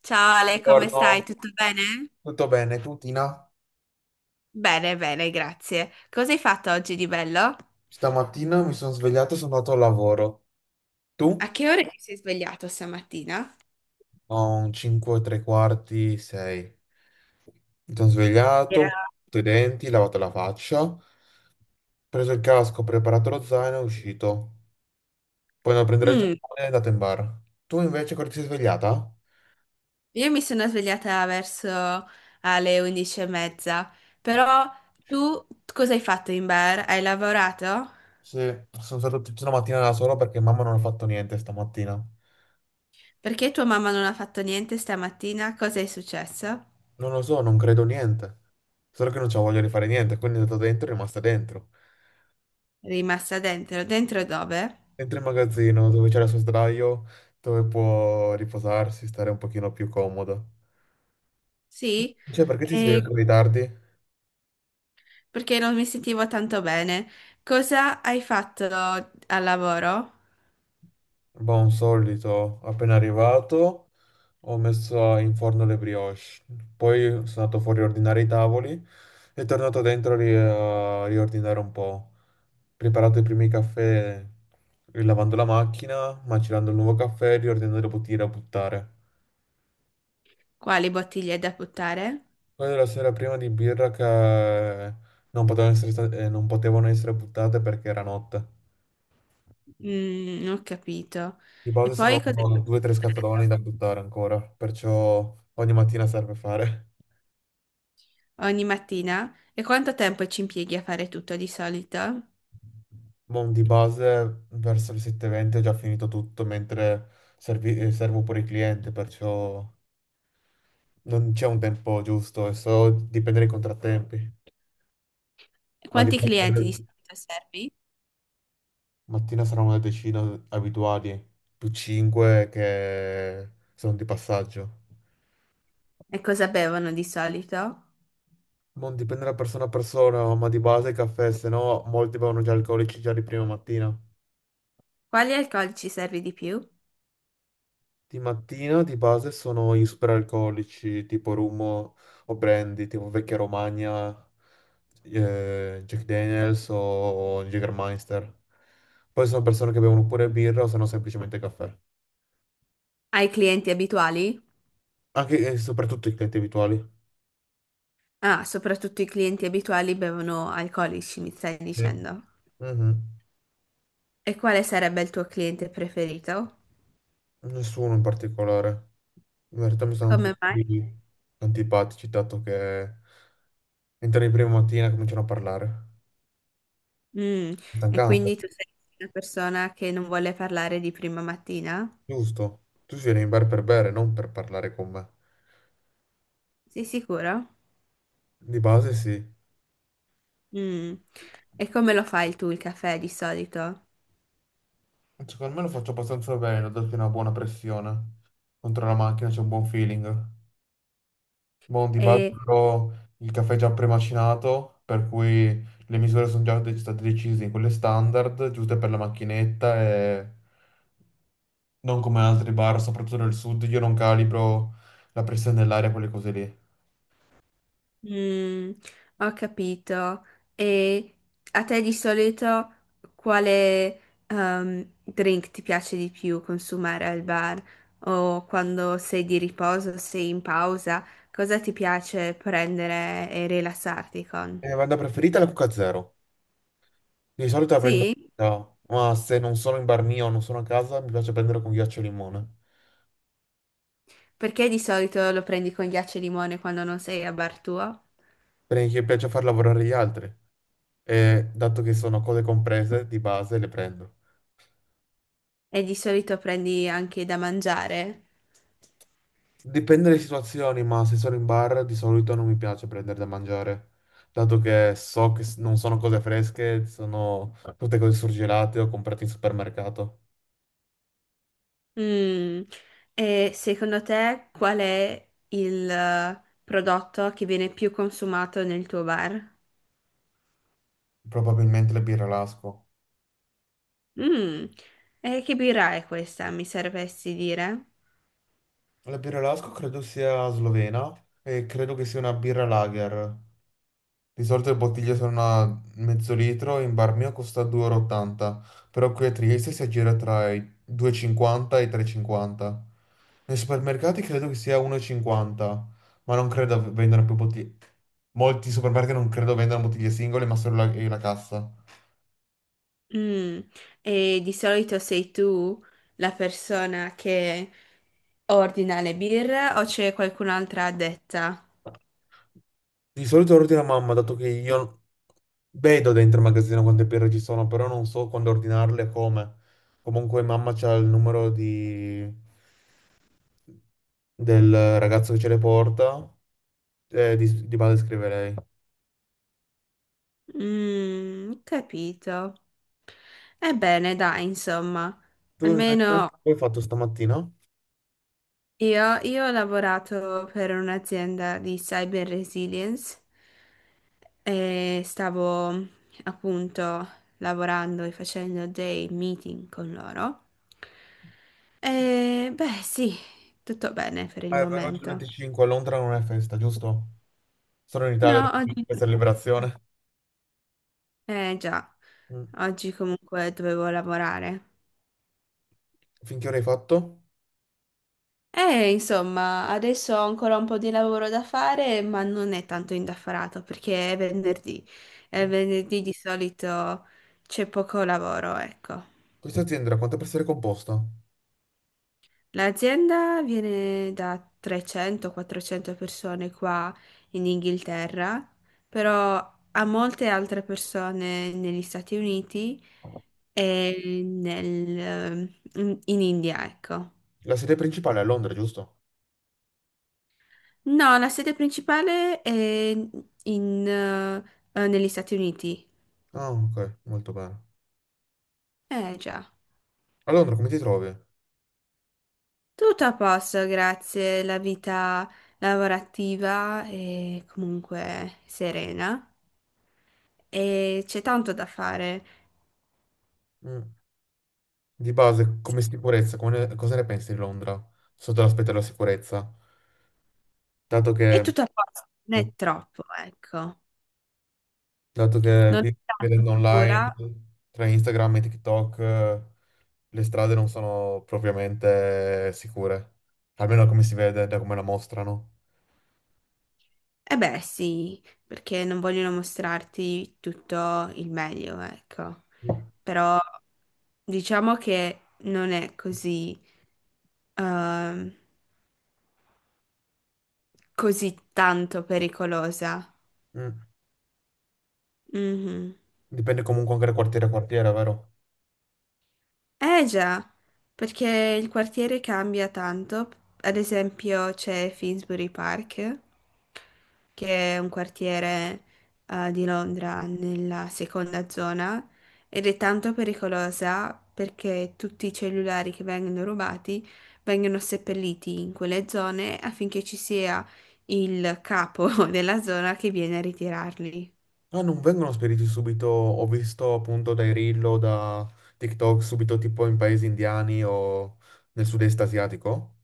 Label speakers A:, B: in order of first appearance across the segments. A: Ciao Ale, come stai?
B: Buongiorno,
A: Tutto bene?
B: tutto bene? Tu, Tina?
A: Bene, bene, grazie. Cosa hai fatto oggi di bello?
B: Stamattina mi sono svegliato e sono andato al lavoro.
A: A
B: Tu?
A: che ora ti sei svegliato stamattina?
B: Ho un 5 e tre quarti, 6. Mi sono svegliato, mi sono
A: Era-
B: lavato i denti, lavato la faccia, ho preso il casco, ho preparato lo zaino e uscito. Poi andato a prendere il
A: Mm,
B: giornale e è andato in bar. Tu invece quando ti sei svegliata?
A: io mi sono svegliata verso alle 11 e mezza. Però tu cosa hai fatto in bar? Hai lavorato?
B: Sì, sono stato tutta la mattina da solo perché mamma non ha fatto niente stamattina.
A: Perché tua mamma non ha fatto niente stamattina? Cosa è successo?
B: Non lo so, non credo niente. Solo che non c'ho voglia di fare niente, quindi è andato dentro e è rimasta dentro.
A: È rimasta dentro? Dentro dove?
B: Dentro il magazzino dove c'era il suo sdraio, dove può riposarsi, stare un pochino più comodo.
A: Sì?
B: Cioè, perché ti svegli
A: E
B: così tardi?
A: perché non mi sentivo tanto bene. Cosa hai fatto al lavoro?
B: Boh, un solito, appena arrivato. Ho messo in forno le brioche, poi sono andato fuori a ordinare i tavoli e tornato dentro a riordinare un po'. Preparato i primi caffè lavando la macchina, macerando il nuovo caffè, riordinando le bottiglie da buttare.
A: Quali bottiglie da buttare?
B: Poi la sera prima di birra che non potevano essere, non potevano essere buttate perché era notte.
A: Non ho capito.
B: Di
A: E
B: base sono
A: poi cosa
B: due o tre
A: hai
B: scatoloni
A: fatto
B: da buttare ancora, perciò ogni mattina serve fare.
A: ogni mattina? E quanto tempo ci impieghi a fare tutto di solito?
B: Boh, di base verso le 7:20 ho già finito tutto mentre servo pure il cliente, perciò non c'è un tempo giusto e so dipende dai contrattempi.
A: E
B: Ma di
A: quanti
B: base
A: clienti di
B: credo
A: solito servi?
B: mattina saranno una decina abituali, più 5 che sono di passaggio.
A: E cosa bevono di solito?
B: Non dipende da persona a persona, ma di base il caffè, se no molti bevono già alcolici già di prima mattina.
A: Quali alcolici servi di più?
B: Di mattina di base sono i superalcolici tipo Rummo o Brandy, tipo Vecchia Romagna, Jack Daniels o Jägermeister. Poi sono persone che bevono pure birra o se no semplicemente caffè.
A: Ai clienti abituali?
B: Anche e soprattutto i clienti abituali.
A: Ah, soprattutto i clienti abituali bevono alcolici, mi stai
B: Sì.
A: dicendo.
B: Mhm.
A: E quale sarebbe il tuo cliente preferito?
B: Nessuno in particolare. In verità mi sono
A: Come mai?
B: tutti antipatici, dato che entri in prima mattina e cominciano a parlare.
A: Mm. E
B: Stancante,
A: quindi tu sei una persona che non vuole parlare di prima mattina?
B: giusto? Tu vieni in bar per bere, non per parlare con me.
A: Sei sicuro?
B: Di base sì.
A: Mm. E come lo fai tu il caffè di solito?
B: Secondo me lo faccio abbastanza bene, ho dato una buona pressione. Contro la macchina c'è un buon feeling. Buon di base
A: E
B: però, il caffè è già premacinato, per cui le misure sono già state decise, in quelle standard, giuste per la macchinetta e non come altri bar, soprattutto nel sud, io non calibro la pressione dell'aria, quelle cose lì. Eh,
A: mm, ho capito. E a te di solito quale drink ti piace di più consumare al bar? O quando sei di riposo, sei in pausa, cosa ti piace prendere e rilassarti con?
B: vada preferita la Coca Zero. Di solito la prendo,
A: Sì?
B: no, ma se non sono in bar mio, non sono a casa, mi piace prendere con ghiaccio e limone.
A: Perché di solito lo prendi con ghiaccio e limone quando non sei a bar tuo?
B: Perché mi piace far lavorare gli altri e dato che sono cose comprese di base le prendo.
A: E di solito prendi anche da mangiare?
B: Dipende dalle situazioni, ma se sono in bar di solito non mi piace prendere da mangiare, dato che so che non sono cose fresche, sono tutte cose surgelate o comprate in supermercato.
A: Mm. E secondo te qual è il prodotto che viene più consumato nel tuo bar?
B: Probabilmente la birra Lasco.
A: Mm. E che birra è questa, mi sapresti dire?
B: La birra Lasco credo sia slovena e credo che sia una birra lager. Di solito le bottiglie sono a mezzo litro, in bar mio costa 2,80 euro, e ottanta, però qui a Trieste si aggira tra i 2,50 e cinquanta e i 3,50. Nei supermercati credo che sia 1,50, ma non credo vendano più bottiglie. Molti supermercati non credo vendano bottiglie singole, ma solo la cassa.
A: Mm. E di solito sei tu la persona che ordina le birre o c'è qualcun'altra addetta?
B: Di solito ordino a mamma, dato che io vedo dentro il magazzino quante birre ci sono, però non so quando ordinarle e come. Comunque mamma c'ha il numero di... del ragazzo che ce le porta, di base scrive lei.
A: Capito. Ebbene, dai, insomma,
B: Tu invece, cosa
A: almeno
B: hai fatto stamattina?
A: io ho lavorato per un'azienda di cyber resilience e stavo appunto lavorando e facendo dei meeting con loro. E beh, sì, tutto bene per il
B: Ah, è vero, oggi è il
A: momento.
B: 25, a Londra non è festa, giusto? Sono in Italia da
A: No, oggi.
B: questa liberazione.
A: Eh già,
B: Mm.
A: oggi comunque dovevo lavorare.
B: Finché ora hai fatto?
A: Insomma, adesso ho ancora un po' di lavoro da fare, ma non è tanto indaffarato perché è venerdì e
B: Mm.
A: venerdì di solito c'è poco lavoro, ecco.
B: Questa azienda da quante persone è composta?
A: L'azienda viene da 300-400 persone qua in Inghilterra, però ha molte altre persone negli Stati Uniti e in India, ecco.
B: La sede principale è a Londra, giusto?
A: No, la sede principale è in, eh, negli Stati Uniti.
B: Ah, ok, molto bene.
A: Eh già.
B: A Londra come ti trovi?
A: Tutto a posto, grazie. La vita lavorativa è comunque serena e c'è tanto da fare.
B: Mm. Di base, come sicurezza, cosa ne pensi di Londra? Sotto l'aspetto della sicurezza? Dato
A: È
B: che...
A: tutto a posto, non è troppo, ecco.
B: dato che
A: Non è tanto
B: vedendo online
A: scura.
B: tra Instagram e TikTok le strade non sono propriamente sicure, almeno da come si vede, da come la mostrano.
A: Eh beh, sì, perché non vogliono mostrarti tutto il meglio, ecco. Però diciamo che non è ehm, così tanto pericolosa.
B: Mm.
A: Mhm.
B: Dipende comunque anche da quartiere a quartiere, vero?
A: Eh già, perché il quartiere cambia tanto. Ad esempio c'è Finsbury Park, che è un quartiere di Londra nella seconda zona ed è tanto pericolosa perché tutti i cellulari che vengono rubati vengono seppelliti in quelle zone affinché ci sia il capo della zona che viene a ritirarli.
B: Ah, non vengono spediti subito, ho visto appunto dai reel o da TikTok subito tipo in paesi indiani o nel sud-est asiatico.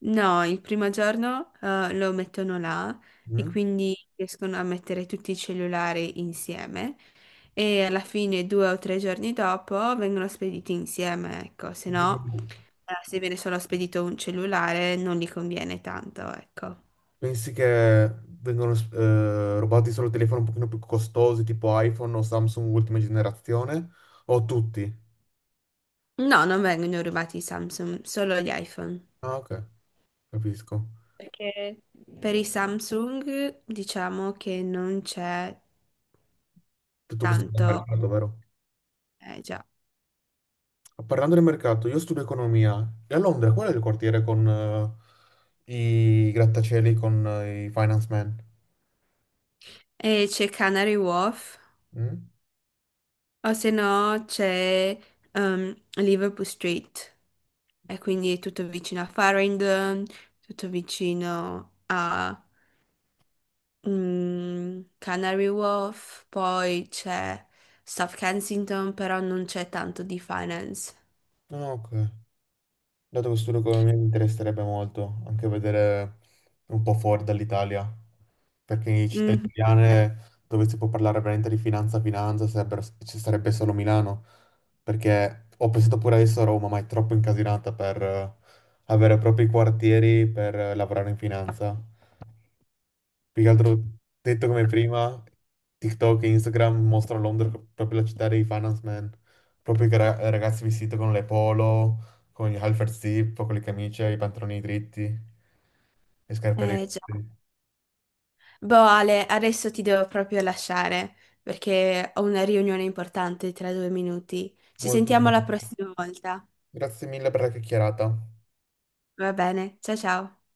A: No, il primo giorno lo mettono là e
B: Mm?
A: quindi riescono a mettere tutti i cellulari insieme e alla fine 2 o 3 giorni dopo vengono spediti insieme, ecco, se no se viene solo spedito un cellulare non gli conviene tanto, ecco.
B: Pensi che vengono rubati solo telefoni un pochino più costosi, tipo iPhone o Samsung ultima generazione? O tutti?
A: No, non vengono rubati i Samsung, solo gli iPhone.
B: Ah, ok, capisco.
A: Perché per i Samsung diciamo che non c'è
B: Tutto questo è il
A: tanto,
B: mercato, vero?
A: eh già,
B: Parlando del mercato, io studio economia. E a Londra qual è il quartiere con i grattacieli, con i finance men?
A: e c'è Canary Wharf.
B: Mm?
A: O se no c'è Liverpool Street, e quindi è tutto vicino a Farringdon, tutto vicino a Canary Wharf, poi c'è South Kensington, però non c'è tanto di finance.
B: Ah, ok. Dato che studio economia mi interesserebbe molto anche vedere un po' fuori dall'Italia, perché in città
A: Mm,
B: italiane dove si può parlare veramente di finanza, finanza, ci sarebbe solo Milano, perché ho pensato pure adesso a Roma, ma è troppo incasinata per avere proprio i quartieri per lavorare in finanza. Più che altro detto come prima, TikTok e Instagram mostrano Londra proprio la città dei finance man, proprio che ragazzi vestiti con le polo, con gli halter zip, con le camicie, i pantaloni dritti, le scarpe
A: eh già.
B: eleganti.
A: Boh, Ale, adesso ti devo proprio lasciare perché ho una riunione importante tra 2 minuti. Ci
B: Molto
A: sentiamo la
B: bene.
A: prossima volta.
B: Grazie mille per la chiacchierata.
A: Va bene, ciao ciao.